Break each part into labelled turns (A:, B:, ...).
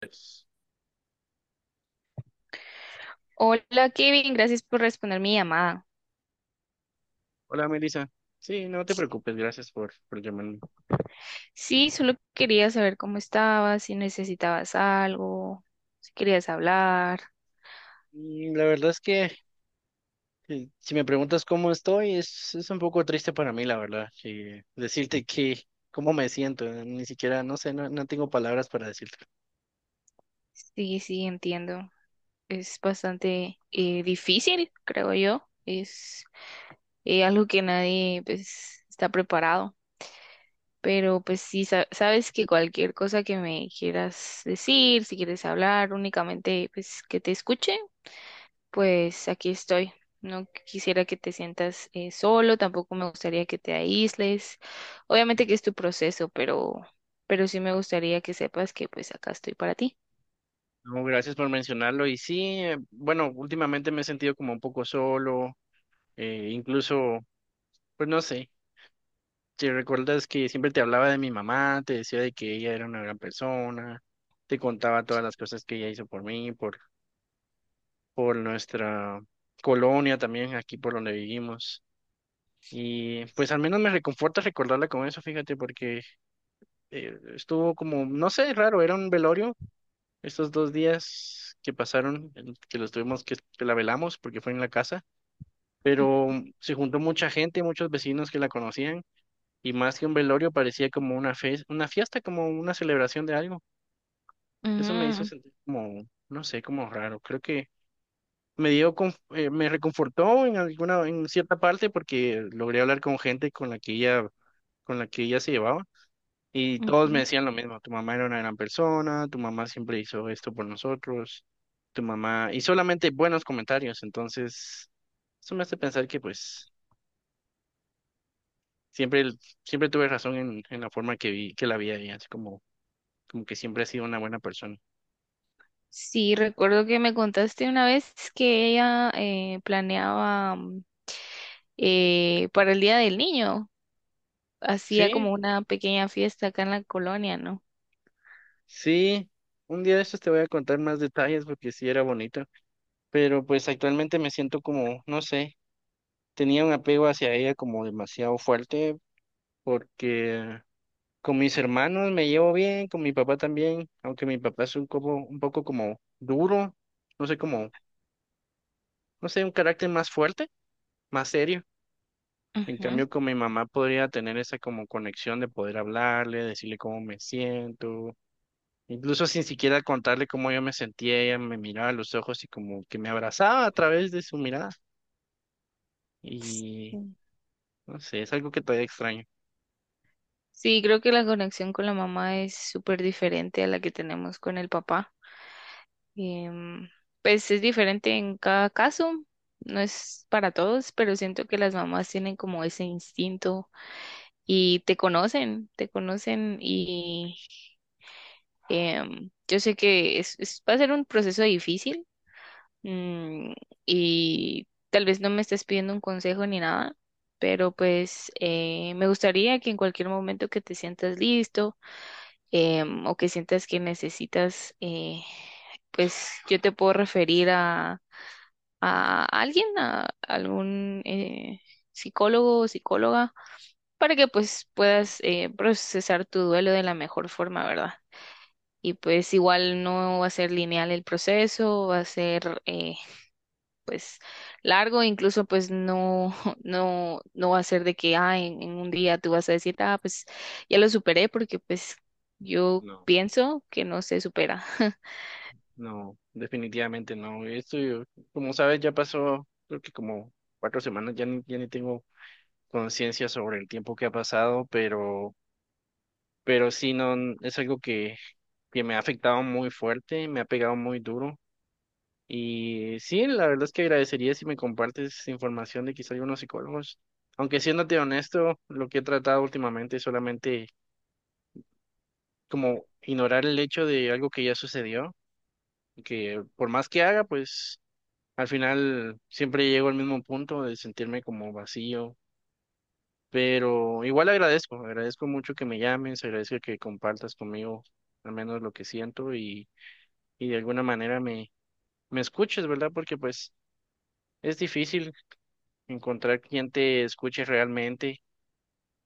A: Pues,
B: Hola Kevin, gracias por responder mi llamada.
A: hola, Melissa. Sí, no te preocupes, gracias por llamarme.
B: Sí, solo quería saber cómo estabas, si necesitabas algo, si querías hablar.
A: La verdad es que si me preguntas cómo estoy, es un poco triste para mí, la verdad, que decirte que cómo me siento, ni siquiera, no sé, no tengo palabras para decirte.
B: Sí, sí, entiendo. Es bastante difícil, creo yo. Es algo que nadie pues está preparado. Pero pues sí, sabes que cualquier cosa que me quieras decir, si quieres hablar, únicamente pues que te escuche, pues aquí estoy. No quisiera que te sientas solo, tampoco me gustaría que te aísles. Obviamente
A: Sí.
B: que es tu proceso, pero sí me gustaría que sepas que pues acá estoy para ti.
A: No, gracias por mencionarlo. Y sí, bueno, últimamente me he sentido como un poco solo, incluso, pues no sé, si recuerdas que siempre te hablaba de mi mamá, te decía de que ella era una gran persona, te contaba todas las cosas que ella hizo por mí, por nuestra colonia también, aquí por donde vivimos. Y pues al menos me reconforta recordarla con eso, fíjate, porque estuvo como, no sé, raro, era un velorio estos dos días que pasaron, en que los tuvimos que la velamos porque fue en la casa, pero se juntó mucha gente, muchos vecinos que la conocían, y más que un velorio parecía como una fiesta, como una celebración de algo. Eso me hizo
B: Mm,
A: sentir como, no sé, como raro. Creo que me reconfortó en alguna, en cierta parte porque logré hablar con gente con la que ella, con la que ella se llevaba y todos me
B: ujú.
A: decían lo mismo, tu mamá era una gran persona, tu mamá siempre hizo esto por nosotros, tu mamá, y solamente buenos comentarios, entonces eso me hace pensar que pues siempre, el- siempre tuve razón en la forma que vi, que la vi a ella, así como, como que siempre ha sido una buena persona.
B: Sí, recuerdo que me contaste una vez que ella planeaba para el Día del Niño, hacía
A: Sí,
B: como una pequeña fiesta acá en la colonia, ¿no?
A: sí, un día de estos te voy a contar más detalles porque sí era bonita. Pero pues actualmente me siento como, no sé, tenía un apego hacia ella como demasiado fuerte porque con mis hermanos me llevo bien, con mi papá también, aunque mi papá es un poco como duro, no sé, como, no sé, un carácter más fuerte, más serio. En
B: Ujú.
A: cambio, con mi mamá podría tener esa como conexión de poder hablarle, decirle cómo me siento, incluso sin siquiera contarle cómo yo me sentía, ella me miraba a los ojos y como que me abrazaba a través de su mirada. Y no sé, es algo que todavía extraño.
B: Sí, creo que la conexión con la mamá es súper diferente a la que tenemos con el papá. Em, pues es diferente en cada caso, no es para todos, pero siento que las mamás tienen como ese instinto y te conocen y yo sé que es, va a ser un proceso difícil. mm, y tal vez no me estés pidiendo un consejo ni nada, pero pues me gustaría que en cualquier momento que te sientas listo, o que sientas que necesitas, pues yo te puedo referir a alguien, a algún psicólogo o psicóloga, para que pues puedas procesar tu duelo de la mejor forma, ¿verdad? Y pues igual no va a ser lineal el proceso, va a ser pues largo, incluso pues no, no, no va a ser de que ah, en un día tú vas a decir, ah, pues ya lo superé, porque pues yo
A: No,
B: pienso que no se supera.
A: no, definitivamente no. Como sabes, ya pasó, creo que como 4 semanas, ya ni tengo conciencia sobre el tiempo que ha pasado, pero sí, no, n- es algo que me ha afectado muy fuerte, me ha pegado muy duro. Y sí, la verdad es que agradecería si me compartes información de quizá algunos psicólogos. Aunque siéndote honesto, lo que he tratado últimamente es solamente como ignorar el hecho de algo que ya sucedió, que por más que haga, pues al final siempre llego al mismo punto de sentirme como vacío, pero igual agradezco mucho que me llames, agradezco que compartas conmigo al menos lo que siento y de alguna me escuches, ¿verdad? Porque pues es difícil encontrar quien te escuche realmente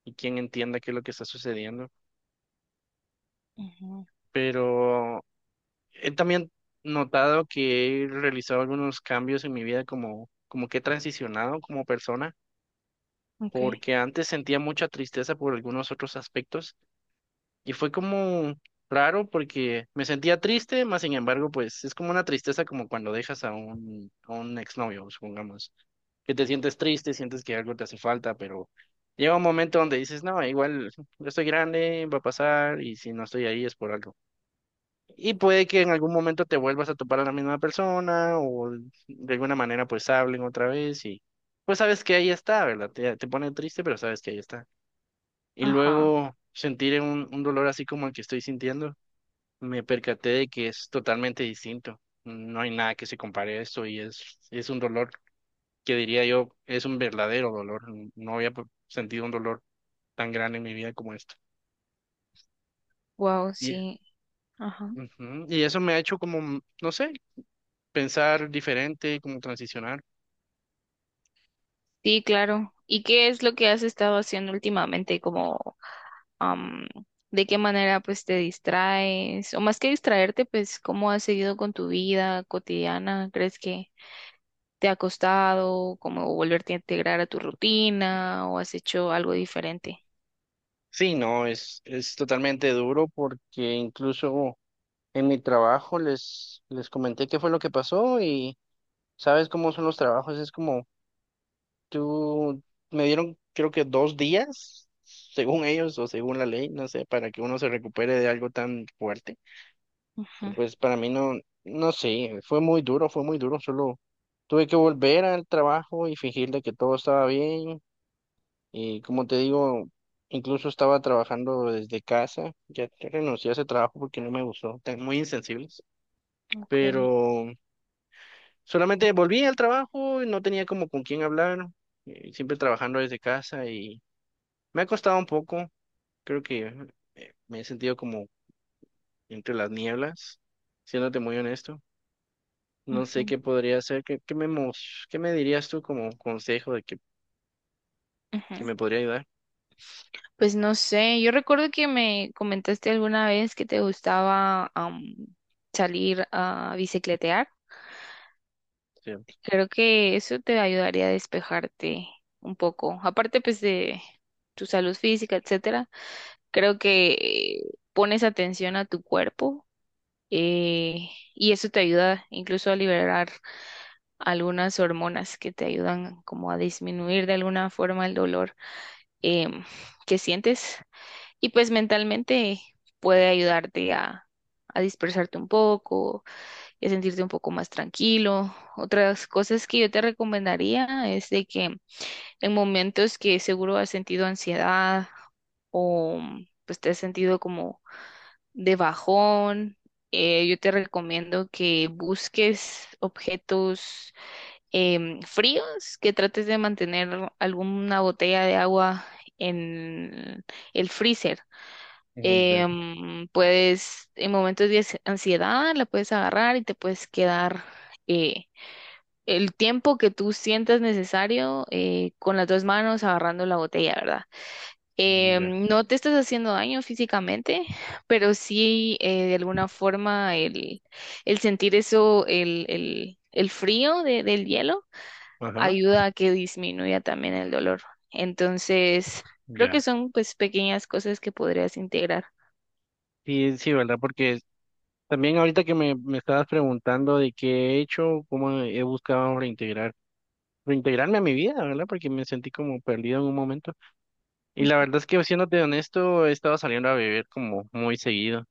A: y quien entienda qué es lo que está sucediendo,
B: Ujú.
A: pero he también notado que he realizado algunos cambios en mi vida como, como que he transicionado como persona
B: Ok.
A: porque antes sentía mucha tristeza por algunos otros aspectos y fue como raro porque me sentía triste, más sin embargo, pues es como una tristeza como cuando dejas a a un exnovio, supongamos, que te sientes triste, sientes que algo te hace falta, pero llega un momento donde dices, no, igual yo estoy grande, va a pasar y si no estoy ahí es por algo. Y puede que en algún momento te vuelvas a topar a la misma persona o de alguna manera pues hablen otra vez y pues sabes que ahí está, ¿verdad? Te pone triste, pero sabes que ahí está. Y
B: Ajá.
A: luego sentir un dolor así como el que estoy sintiendo, me percaté de que es totalmente distinto. No hay nada que se compare a esto y es un dolor que diría yo es un verdadero dolor. No había p- sentido un dolor tan grande en mi vida como esto.
B: Wow,
A: Y
B: sí. Ajá.
A: ujú, y eso me ha hecho como, no sé, pensar diferente, como transicionar.
B: Sí, claro. ¿Y qué es lo que has estado haciendo últimamente? Como, am, ¿de qué manera pues te distraes? O más que distraerte, pues, ¿cómo has seguido con tu vida cotidiana? ¿Crees que te ha costado como volverte a integrar a tu rutina o has hecho algo diferente?
A: Sí, no, es totalmente duro porque incluso en mi trabajo les comenté qué fue lo que pasó y sabes cómo son los trabajos, es como tú, me dieron creo que 2 días, según ellos o según la ley, no sé, para que uno se recupere de algo tan fuerte. Y
B: Ujú.
A: pues para mí no, no sé, fue muy duro, solo tuve que volver al trabajo y fingir de que todo estaba bien. Y como te digo, incluso estaba trabajando desde casa, ya renuncié a ese trabajo porque no me gustó, tan muy insensibles,
B: Okay.
A: pero solamente volví al trabajo y no tenía como con quién hablar, siempre trabajando desde casa. Me ha costado un poco, creo que me he sentido como entre las nieblas, siéndote muy honesto. No sé
B: Ujú,
A: qué podría hacer, qué me dirías tú como consejo de que
B: ujú.
A: me podría ayudar.
B: Pues no sé, yo recuerdo que me comentaste alguna vez que te gustaba salir a bicicletear.
A: Cierto.
B: Creo que eso te ayudaría a despejarte un poco. Aparte pues de tu salud física, etcétera, creo que pones atención a tu cuerpo, y eso te ayuda incluso a liberar algunas hormonas que te ayudan como a disminuir de alguna forma el dolor em, que sientes, y pues mentalmente puede ayudarte a dispersarte un poco y a sentirte un poco más tranquilo. Otras cosas que yo te recomendaría es de que en momentos que seguro has sentido ansiedad o pues te has sentido como de bajón, yo te recomiendo que busques objetos fríos, que trates de mantener alguna botella de agua en el freezer.
A: Mm, ya.
B: Puedes, en momentos de ansiedad, la puedes agarrar y te puedes quedar eh, el tiempo que tú sientas necesario con las dos manos agarrando la botella, ¿verdad?
A: Mm, ya.
B: No te estás haciendo daño físicamente, pero sí de alguna forma el sentir eso, el frío del hielo
A: Ajá,
B: ayuda a que disminuya también el dolor. Entonces, creo
A: ya.
B: que son pues pequeñas cosas que podrías integrar.
A: Sí, sí, ¿verdad? Porque también ahorita que me estabas preguntando de qué he hecho, cómo he reintegrarme a mi vida, ¿verdad? Porque me sentí como perdido en un momento. Y la
B: Ujú.
A: verdad es que, siéndote honesto, he estado saliendo a beber como muy seguido.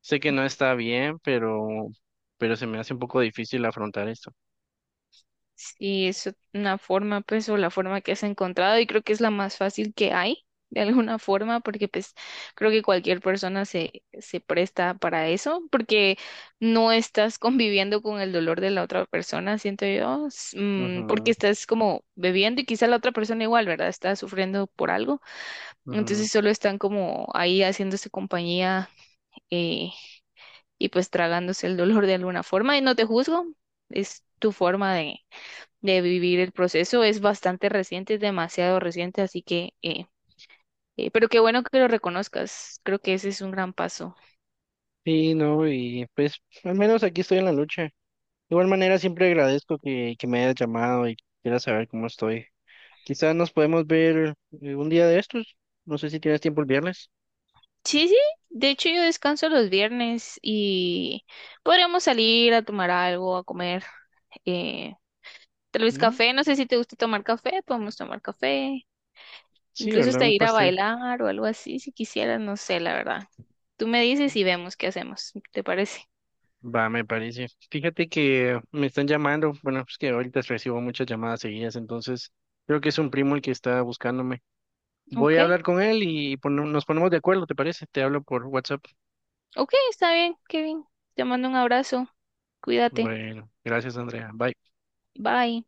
A: Sé que no está bien, pero se me hace un poco difícil afrontar esto.
B: Sí, es una forma, pues, o la forma que has encontrado y creo que es la más fácil que hay, de alguna forma, porque pues creo que cualquier persona se, se presta para eso, porque no estás conviviendo con el dolor de la otra persona, siento yo, mm, porque
A: Ujú,
B: estás como bebiendo y quizá la otra persona igual, ¿verdad? Está sufriendo por algo.
A: ujú.
B: Entonces solo están como ahí haciéndose compañía, eh, y pues tragándose el dolor de alguna forma. Y no te juzgo, es tu forma de vivir el proceso. Es bastante reciente, es demasiado reciente, así que, pero qué bueno que lo reconozcas. Creo que ese es un gran paso.
A: Sí, no, y pues al menos aquí estoy en la lucha. De igual manera, siempre agradezco que me hayas llamado y quieras saber cómo estoy. Quizás nos podemos ver un día de estos. No sé si tienes tiempo el viernes.
B: Sí, sí, de hecho yo descanso los viernes y podríamos salir a tomar algo, a comer. eh, tal vez
A: ¿No?
B: café, no sé si te gusta tomar café, podemos tomar café.
A: Sí,
B: Incluso
A: ¿verdad?
B: hasta
A: Un
B: ir a
A: pastel.
B: bailar o algo así, si quisieras, no sé, la verdad. Tú me dices y vemos qué hacemos, ¿te parece?
A: Va, me parece. Fíjate que me están llamando. Bueno, pues que ahorita recibo muchas llamadas seguidas, entonces creo que es un primo el que está buscándome. Voy
B: Ok,
A: a hablar con él y nos ponemos de acuerdo, ¿te parece? Te hablo por WhatsApp.
B: ok, está bien, Kevin. Te mando un abrazo. Cuídate.
A: Bueno, gracias, Andrea. Bye.
B: Bye.